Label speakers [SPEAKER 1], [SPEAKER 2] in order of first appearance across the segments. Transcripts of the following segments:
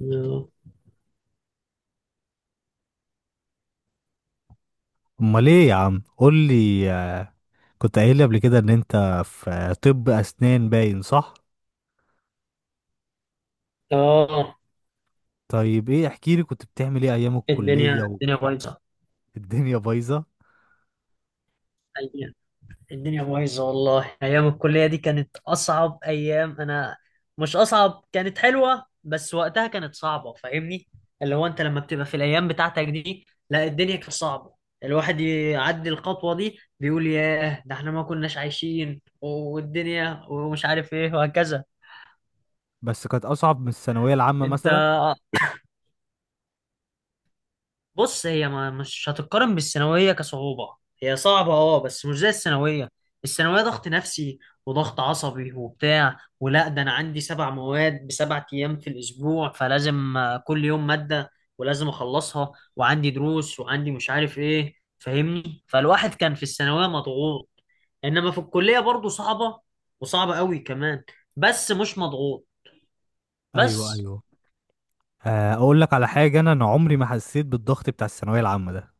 [SPEAKER 1] اه.
[SPEAKER 2] امال ايه يا عم؟ قول لي، كنت قايل لي قبل كده ان انت في طب اسنان، باين صح؟
[SPEAKER 1] آه،
[SPEAKER 2] طيب، ايه؟ احكي لي، كنت بتعمل ايه ايام
[SPEAKER 1] الدنيا
[SPEAKER 2] الكلية؟
[SPEAKER 1] الدنيا بايظه.
[SPEAKER 2] والدنيا بايظة.
[SPEAKER 1] أيام- الدنيا بايظه والله، ايام الكليه دي كانت اصعب ايام. انا مش اصعب، كانت حلوه، بس وقتها كانت صعبه. فاهمني؟ اللي هو انت لما بتبقى في الايام بتاعتك دي، لا الدنيا كانت صعبه. الواحد يعدي الخطوه دي بيقول ياه، ده احنا ما كناش عايشين والدنيا ومش عارف ايه وهكذا.
[SPEAKER 2] بس كانت اصعب من الثانوية العامة
[SPEAKER 1] انت
[SPEAKER 2] مثلا؟
[SPEAKER 1] بص، هي ما مش هتتقارن بالثانوية كصعوبة. هي صعبة اه، بس مش زي الثانوية. الثانوية ضغط نفسي وضغط عصبي وبتاع، ولا ده انا عندي سبع مواد بسبع ايام في الاسبوع، فلازم كل يوم مادة، ولازم اخلصها، وعندي دروس، وعندي مش عارف ايه. فاهمني؟ فالواحد كان في الثانوية مضغوط، انما في الكلية برضو صعبة. وصعبة قوي كمان، بس مش مضغوط
[SPEAKER 2] ايوه،
[SPEAKER 1] بس.
[SPEAKER 2] ايوه. اقول لك على حاجة، انا عمري ما حسيت بالضغط بتاع الثانوية العامة ده.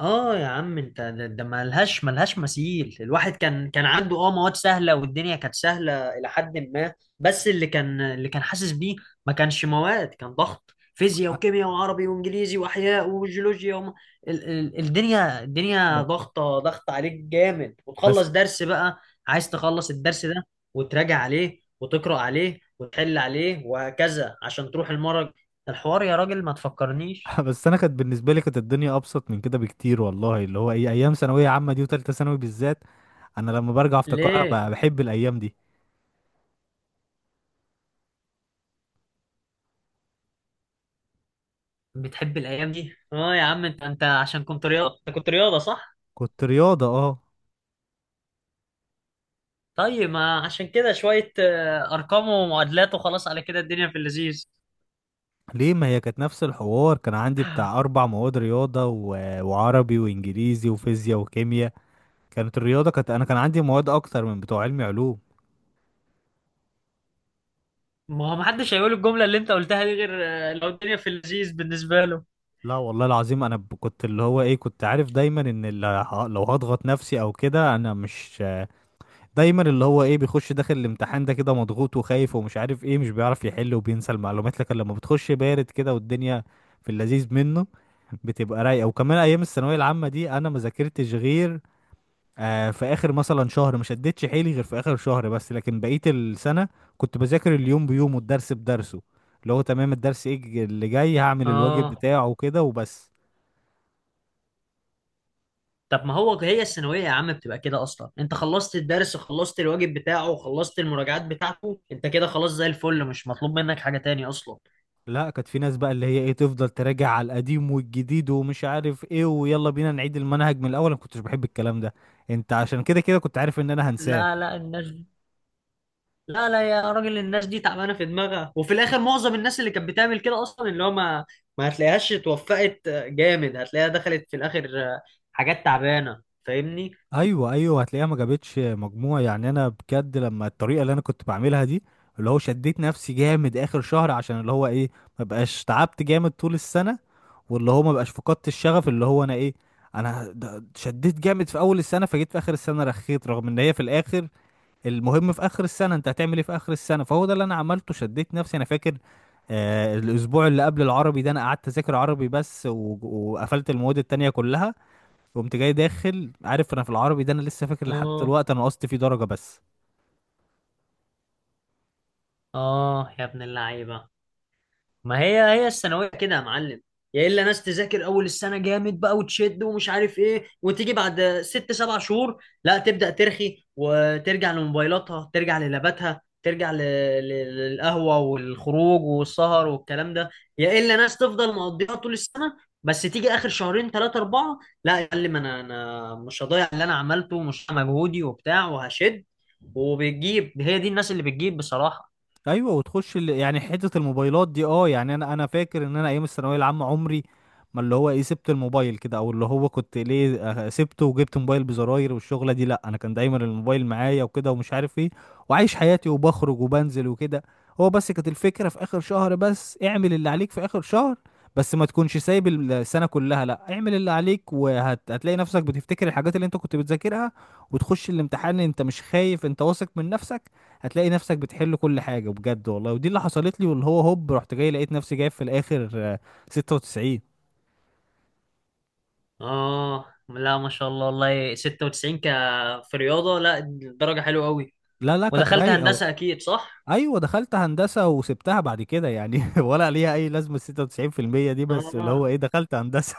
[SPEAKER 1] اه يا عم، انت ده ملهاش مثيل. الواحد كان عنده اه مواد سهله، والدنيا كانت سهله الى حد ما. بس اللي كان حاسس بيه، ما كانش مواد، كان ضغط: فيزياء
[SPEAKER 2] أ-
[SPEAKER 1] وكيمياء وعربي وانجليزي واحياء وجيولوجيا الدنيا
[SPEAKER 2] ب-
[SPEAKER 1] ضغط عليك جامد.
[SPEAKER 2] بس
[SPEAKER 1] وتخلص درس بقى، عايز تخلص الدرس ده وتراجع عليه وتقرا عليه وتحل عليه وهكذا عشان تروح المرج. الحوار يا راجل، ما تفكرنيش.
[SPEAKER 2] بس انا كانت بالنسبة لي، كانت الدنيا ابسط من كده بكتير، والله. اللي هو ايه ايام ثانوية عامة دي، وتالتة ثانوي بالذات، انا لما برجع افتكرها
[SPEAKER 1] ليه
[SPEAKER 2] بحب الايام دي.
[SPEAKER 1] بتحب الايام دي؟ اه يا عم، انت عشان كنت رياضه، انت كنت رياضه صح؟
[SPEAKER 2] كنت رياضة، اه.
[SPEAKER 1] طيب ما عشان كده شويه ارقام ومعادلات وخلاص، على كده الدنيا في اللذيذ.
[SPEAKER 2] ليه؟ ما هي كانت نفس الحوار، كان عندي بتاع أربع مواد رياضة وعربي وإنجليزي وفيزياء وكيمياء. كانت الرياضة، كانت أنا كان عندي مواد أكتر من بتوع علمي علوم.
[SPEAKER 1] ما هو محدش هيقول الجمله اللي انت قلتها دي غير لو الدنيا في اللذيذ بالنسبه له.
[SPEAKER 2] لا والله العظيم أنا كنت اللي هو إيه، كنت عارف دايما إن اللي لو هضغط نفسي أو كده أنا مش. دايما اللي هو إيه بيخش داخل الامتحان ده كده مضغوط وخايف ومش عارف إيه، مش بيعرف يحل وبينسى المعلومات، لكن لما بتخش بارد كده والدنيا في اللذيذ منه، بتبقى رايقه. وكمان ايام الثانويه العامه دي انا ما ذاكرتش غير في اخر مثلا شهر، ما شدتش حيلي غير في اخر شهر بس، لكن بقية السنة كنت بذاكر اليوم بيومه، الدرس بدرسه، اللي هو تمام الدرس ايه اللي جاي هعمل الواجب
[SPEAKER 1] اه.
[SPEAKER 2] بتاعه وكده وبس.
[SPEAKER 1] طب ما هو هي الثانويه يا عم بتبقى كده اصلا، انت خلصت الدرس وخلصت الواجب بتاعه وخلصت المراجعات بتاعته، انت كده خلاص زي الفل، مش مطلوب منك حاجه تاني اصلا.
[SPEAKER 2] لا، كانت في ناس بقى اللي هي ايه تفضل تراجع على القديم والجديد ومش عارف ايه، ويلا بينا نعيد المنهج من الاول، انا ما كنتش بحب الكلام ده. انت عشان كده كنت عارف ان انا هنساه.
[SPEAKER 1] لا لا الناس، لا لا يا راجل، الناس دي تعبانه في دماغها، وفي الاخر معظم الناس اللي كانت بتعمل كده اصلا، اللي هو ما هتلاقيهاش اتوفقت جامد، هتلاقيها دخلت في الاخر حاجات تعبانه. فاهمني؟
[SPEAKER 2] ايوه، ايوه. هتلاقيها ما جابتش مجموع يعني. انا بجد لما الطريقه اللي انا كنت بعملها دي، اللي هو شديت نفسي جامد اخر شهر عشان اللي هو ايه ما بقاش تعبت جامد طول السنه، واللي هو ما بقاش فقدت الشغف، اللي هو انا ايه انا شديت جامد في اول السنه، فجيت في اخر السنه رخيت، رغم ان هي في الاخر، المهم في اخر السنه انت هتعمل ايه في اخر السنه، فهو ده اللي انا عملته، شديت نفسي. انا فاكر الاسبوع اللي قبل العربي ده انا قعدت اذاكر عربي بس وقفلت المواد التانية كلها. قمت جاي داخل عارف انا في العربي ده، انا لسه فاكر لحد
[SPEAKER 1] اه.
[SPEAKER 2] دلوقتي انا نقصت فيه درجه بس.
[SPEAKER 1] اه يا ابن اللعيبه، ما هي هي الثانويه كده يا معلم. يا الا ناس تذاكر اول السنه جامد بقى وتشد ومش عارف ايه، وتيجي بعد ست سبع شهور لا تبدا ترخي وترجع لموبايلاتها، ترجع للاباتها، ترجع للقهوه والخروج والسهر والكلام ده. يا الا ناس تفضل مقضيها طول السنه، بس تيجي اخر شهرين ثلاثه اربعه لا يا معلم، انا مش هضيع اللي انا عملته، ومش هضيع مجهودي وبتاع، وهشد. وبتجيب، هي دي الناس اللي بتجيب بصراحه.
[SPEAKER 2] ايوه، وتخش يعني حته الموبايلات دي. اه، يعني انا فاكر ان انا ايام الثانويه العامه عمري ما اللي هو ايه سبت الموبايل كده، او اللي هو كنت ليه سبته وجبت موبايل بزراير والشغله دي، لا انا كان دايما الموبايل معايا وكده ومش عارف ايه، وعايش حياتي وبخرج وبنزل وكده. هو بس كانت الفكره في اخر شهر بس، اعمل اللي عليك في اخر شهر، بس ما تكونش سايب السنه كلها. لا، اعمل اللي عليك وهتلاقي نفسك بتفتكر الحاجات اللي انت كنت بتذاكرها، وتخش الامتحان انت مش خايف، انت واثق من نفسك، هتلاقي نفسك بتحل كل حاجة بجد والله. ودي اللي حصلت لي، واللي هو هوب رحت جاي لقيت نفسي جايب في الآخر 96.
[SPEAKER 1] اه، لا ما شاء الله والله، 96 ك؟ في رياضة؟ لا درجة حلوة قوي.
[SPEAKER 2] لا، لا، كانت
[SPEAKER 1] ودخلت
[SPEAKER 2] رايقة.
[SPEAKER 1] هندسة اكيد صح؟
[SPEAKER 2] أيوة، دخلت هندسة وسبتها بعد كده يعني ولا ليها أي لازمة 96% دي، بس اللي
[SPEAKER 1] اه
[SPEAKER 2] هو إيه دخلت هندسة.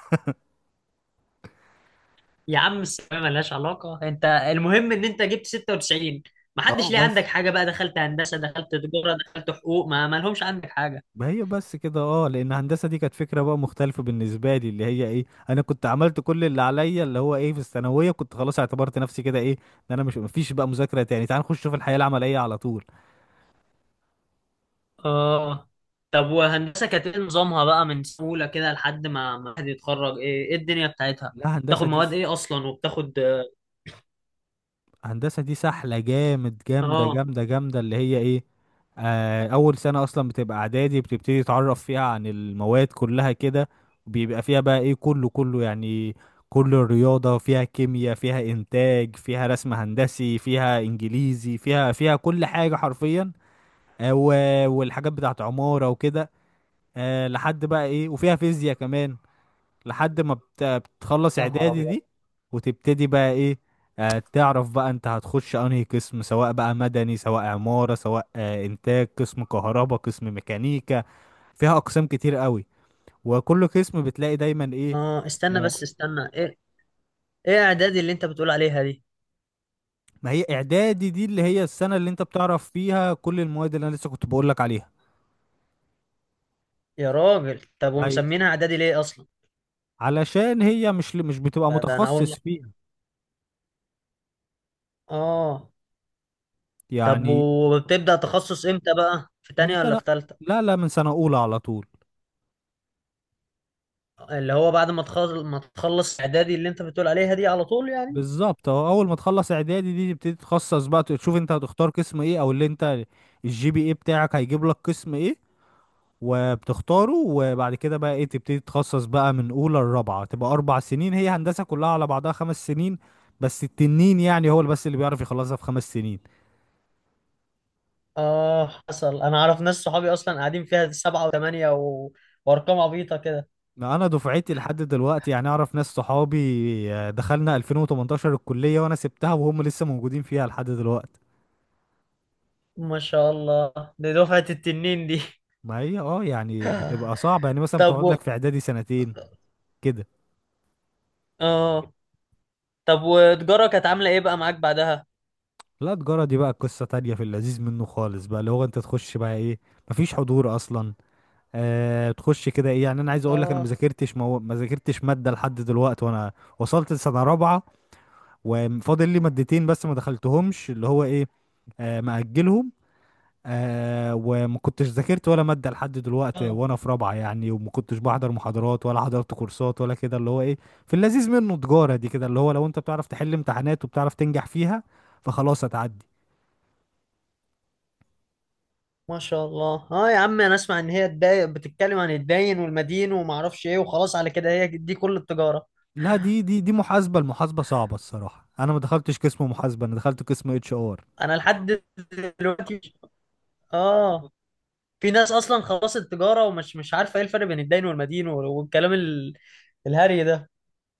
[SPEAKER 1] يا عم، الثانوية ملهاش علاقة، انت المهم ان انت جبت 96. ما
[SPEAKER 2] اه،
[SPEAKER 1] حدش ليه
[SPEAKER 2] بس.
[SPEAKER 1] عندك حاجة بقى، دخلت هندسة، دخلت تجارة، دخلت حقوق، ما لهمش عندك حاجة.
[SPEAKER 2] ما هي بس كده، اه. لأن هندسة دي كانت فكرة بقى مختلفة بالنسبة لي، اللي هي إيه أنا كنت عملت كل اللي عليا، اللي هو إيه في الثانوية كنت خلاص اعتبرت نفسي كده إيه إن أنا مش، مفيش بقى مذاكرة تاني، تعال نخش في الحياة العملية على طول.
[SPEAKER 1] اه. طب وهندسة كانت ايه نظامها بقى، من سهولة كده لحد ما حد يتخرج؟ ايه الدنيا بتاعتها؟
[SPEAKER 2] لا، هندسة
[SPEAKER 1] بتاخد
[SPEAKER 2] دي
[SPEAKER 1] مواد ايه اصلا، وبتاخد؟
[SPEAKER 2] هندسة دي سحلة جامد، جامدة
[SPEAKER 1] اه
[SPEAKER 2] جامدة جامدة، اللي هي ايه اول سنة اصلا بتبقى اعدادي، بتبتدي تتعرف فيها عن المواد كلها كده، وبيبقى فيها بقى ايه كله كله يعني، كل الرياضة فيها، كيمياء فيها، انتاج فيها، رسم هندسي فيها، انجليزي فيها كل حاجة حرفيا. والحاجات بتاعت عمارة وكده. لحد بقى ايه، وفيها فيزياء كمان، لحد ما بتخلص
[SPEAKER 1] يا نهار
[SPEAKER 2] اعدادي
[SPEAKER 1] ابيض.
[SPEAKER 2] دي. وتبتدي بقى ايه. تعرف بقى انت هتخش انهي قسم، سواء بقى مدني، سواء عمارة، سواء انتاج، قسم كهرباء، قسم ميكانيكا، فيها اقسام كتير قوي، وكل قسم بتلاقي دايما ايه.
[SPEAKER 1] اه استنى
[SPEAKER 2] آه
[SPEAKER 1] بس، استنى. ايه؟ ايه اعدادي اللي انت بتقول عليها دي؟
[SPEAKER 2] ما هي اعدادي دي اللي هي السنة اللي انت بتعرف فيها كل المواد اللي انا لسه كنت بقول لك عليها.
[SPEAKER 1] يا راجل، طب
[SPEAKER 2] ايوه،
[SPEAKER 1] ومسمينها اعدادي ليه اصلا؟
[SPEAKER 2] علشان هي مش بتبقى
[SPEAKER 1] ده انا اول
[SPEAKER 2] متخصص
[SPEAKER 1] مره.
[SPEAKER 2] فيها
[SPEAKER 1] اه. طب
[SPEAKER 2] يعني.
[SPEAKER 1] وبتبدا تخصص امتى بقى، في
[SPEAKER 2] من
[SPEAKER 1] تانية ولا
[SPEAKER 2] سنة؟
[SPEAKER 1] في تالتة؟
[SPEAKER 2] لا، لا، من سنة اولى على طول.
[SPEAKER 1] اللي هو بعد ما تخلص اعدادي اللي انت بتقول عليها دي على طول يعني؟
[SPEAKER 2] بالظبط اهو، اول ما تخلص اعدادي دي تبتدي تخصص بقى، تشوف انت هتختار قسم ايه، او اللي انت الـGPA بتاعك هيجيب لك قسم ايه، وبتختاره، وبعد كده بقى ايه تبتدي تتخصص بقى من اولى لرابعه، تبقى 4 سنين. هي هندسه كلها على بعضها 5 سنين، بس التنين يعني هو اللي بس اللي بيعرف يخلصها في 5 سنين.
[SPEAKER 1] اه حصل. انا اعرف ناس صحابي اصلا قاعدين فيها سبعة وثمانية وارقام عبيطه كده.
[SPEAKER 2] ما انا دفعتي لحد دلوقتي يعني اعرف ناس صحابي دخلنا 2018 الكليه وانا سبتها وهم لسه موجودين فيها لحد دلوقتي.
[SPEAKER 1] ما شاء الله، دي دفعه التنين دي.
[SPEAKER 2] ما هي اه يعني بتبقى صعبه يعني، مثلا
[SPEAKER 1] طب
[SPEAKER 2] بتقعد
[SPEAKER 1] و...
[SPEAKER 2] لك في اعدادي سنتين كده.
[SPEAKER 1] اه. طب وتجاره كانت عامله ايه بقى معاك بعدها؟
[SPEAKER 2] لا، تجارة دي بقى قصة تانية في اللذيذ منه خالص بقى، اللي هو انت تخش بقى ايه، مفيش حضور اصلا. تخش كده ايه، يعني انا عايز اقول لك، انا ما
[SPEAKER 1] اه
[SPEAKER 2] ذاكرتش ما ذاكرتش مادة لحد دلوقتي وانا وصلت لسنة رابعة، وفاضل لي مادتين بس ما دخلتهمش، اللي هو ايه مأجلهم، وما كنتش ذاكرت ولا مادة لحد دلوقتي وانا في رابعة يعني، وما كنتش بحضر محاضرات ولا حضرت كورسات ولا كده، اللي هو ايه في اللذيذ منه، تجارة دي كده اللي هو، لو انت بتعرف تحل امتحانات وبتعرف تنجح فيها، فخلاص هتعدي.
[SPEAKER 1] ما شاء الله. اه يا عم، انا اسمع ان هي تباين بتتكلم عن الداين والمدين وما اعرفش ايه، وخلاص على كده هي دي كل التجاره.
[SPEAKER 2] لا، دي محاسبة، المحاسبة صعبة الصراحة، انا ما دخلتش قسم محاسبة، انا دخلت قسم HR.
[SPEAKER 1] انا لحد دلوقتي. اه. في ناس اصلا خلاص التجاره، ومش مش عارفه ايه الفرق بين الداين والمدين والكلام الهري ده.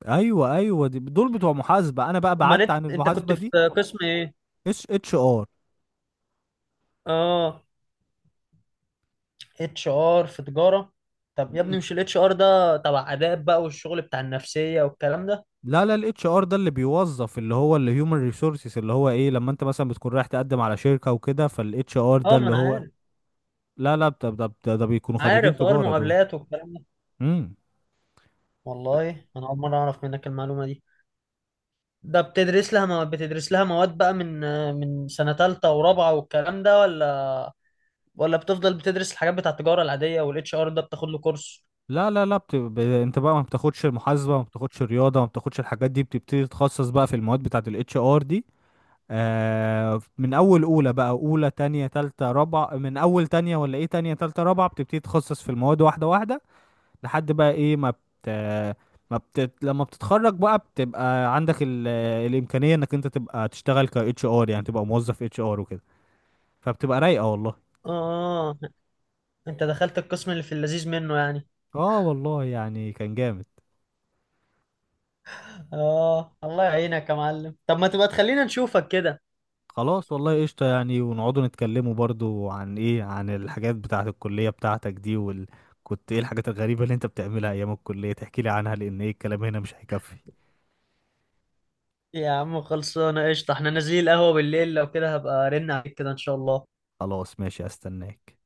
[SPEAKER 2] ايوه، ايوه، دي دول بتوع محاسبة، انا بقى
[SPEAKER 1] امال
[SPEAKER 2] بعدت
[SPEAKER 1] انت
[SPEAKER 2] عن
[SPEAKER 1] انت
[SPEAKER 2] المحاسبة
[SPEAKER 1] كنت في
[SPEAKER 2] دي.
[SPEAKER 1] قسم ايه؟
[SPEAKER 2] اتش ار.
[SPEAKER 1] اه، اتش ار في تجاره؟ طب يا ابني مش الاتش ار ده تبع اداب بقى، والشغل بتاع النفسيه والكلام ده؟
[SPEAKER 2] لا، لا، الاتش ار ده اللي بيوظف، اللي هو اللي هيومن ريسورسز، اللي هو ايه لما انت مثلا بتكون رايح تقدم على شركة وكده، فالاتش ار ده
[SPEAKER 1] اه ما
[SPEAKER 2] اللي
[SPEAKER 1] انا
[SPEAKER 2] هو.
[SPEAKER 1] عارف.
[SPEAKER 2] لا، لا، ده بيكونوا خريجين
[SPEAKER 1] عارف اه،
[SPEAKER 2] تجارة دول.
[SPEAKER 1] المقابلات والكلام ده.
[SPEAKER 2] امم.
[SPEAKER 1] والله انا اول مره اعرف منك المعلومه دي. ده بتدرس لها مواد؟ بتدرس لها مواد بقى من سنة تالتة ورابعة والكلام ده؟ ولا بتفضل بتدرس الحاجات بتاع التجارة العادية، والاتش ار ده بتاخد له كورس؟
[SPEAKER 2] لا، لا، لا، انت بقى ما بتاخدش المحاسبة، ما بتاخدش الرياضة، ما بتاخدش الحاجات دي، بتبتدي تتخصص بقى في المواد بتاعة الاتش ار دي. من اول اولى بقى، اولى تانية تالتة رابعة، من اول تانية ولا ايه، تانية تالتة رابعة بتبتدي تخصص في المواد واحدة واحدة، لحد بقى ايه ما بت ما بت... لما بتتخرج بقى، بتبقى عندك الامكانية انك انت تبقى تشتغل ك اتش ار يعني، تبقى موظف اتش ار وكده، فبتبقى رايقة والله.
[SPEAKER 1] اه، انت دخلت القسم اللي في اللذيذ منه يعني.
[SPEAKER 2] اه، والله يعني كان جامد.
[SPEAKER 1] اه، الله يعينك يا معلم. طب ما تبقى تخلينا نشوفك كده.
[SPEAKER 2] خلاص والله، قشطة يعني، ونقعدوا نتكلموا برضو عن ايه، عن الحاجات بتاعة الكلية بتاعتك دي كنت ايه الحاجات الغريبة اللي انت بتعملها ايام الكلية تحكي لي عنها، لان ايه، الكلام هنا مش هيكفي.
[SPEAKER 1] يا عم خلصانة قشطة، احنا نازلين القهوة بالليل، لو كده هبقى ارن عليك كده ان شاء الله.
[SPEAKER 2] خلاص، ماشي، استناك.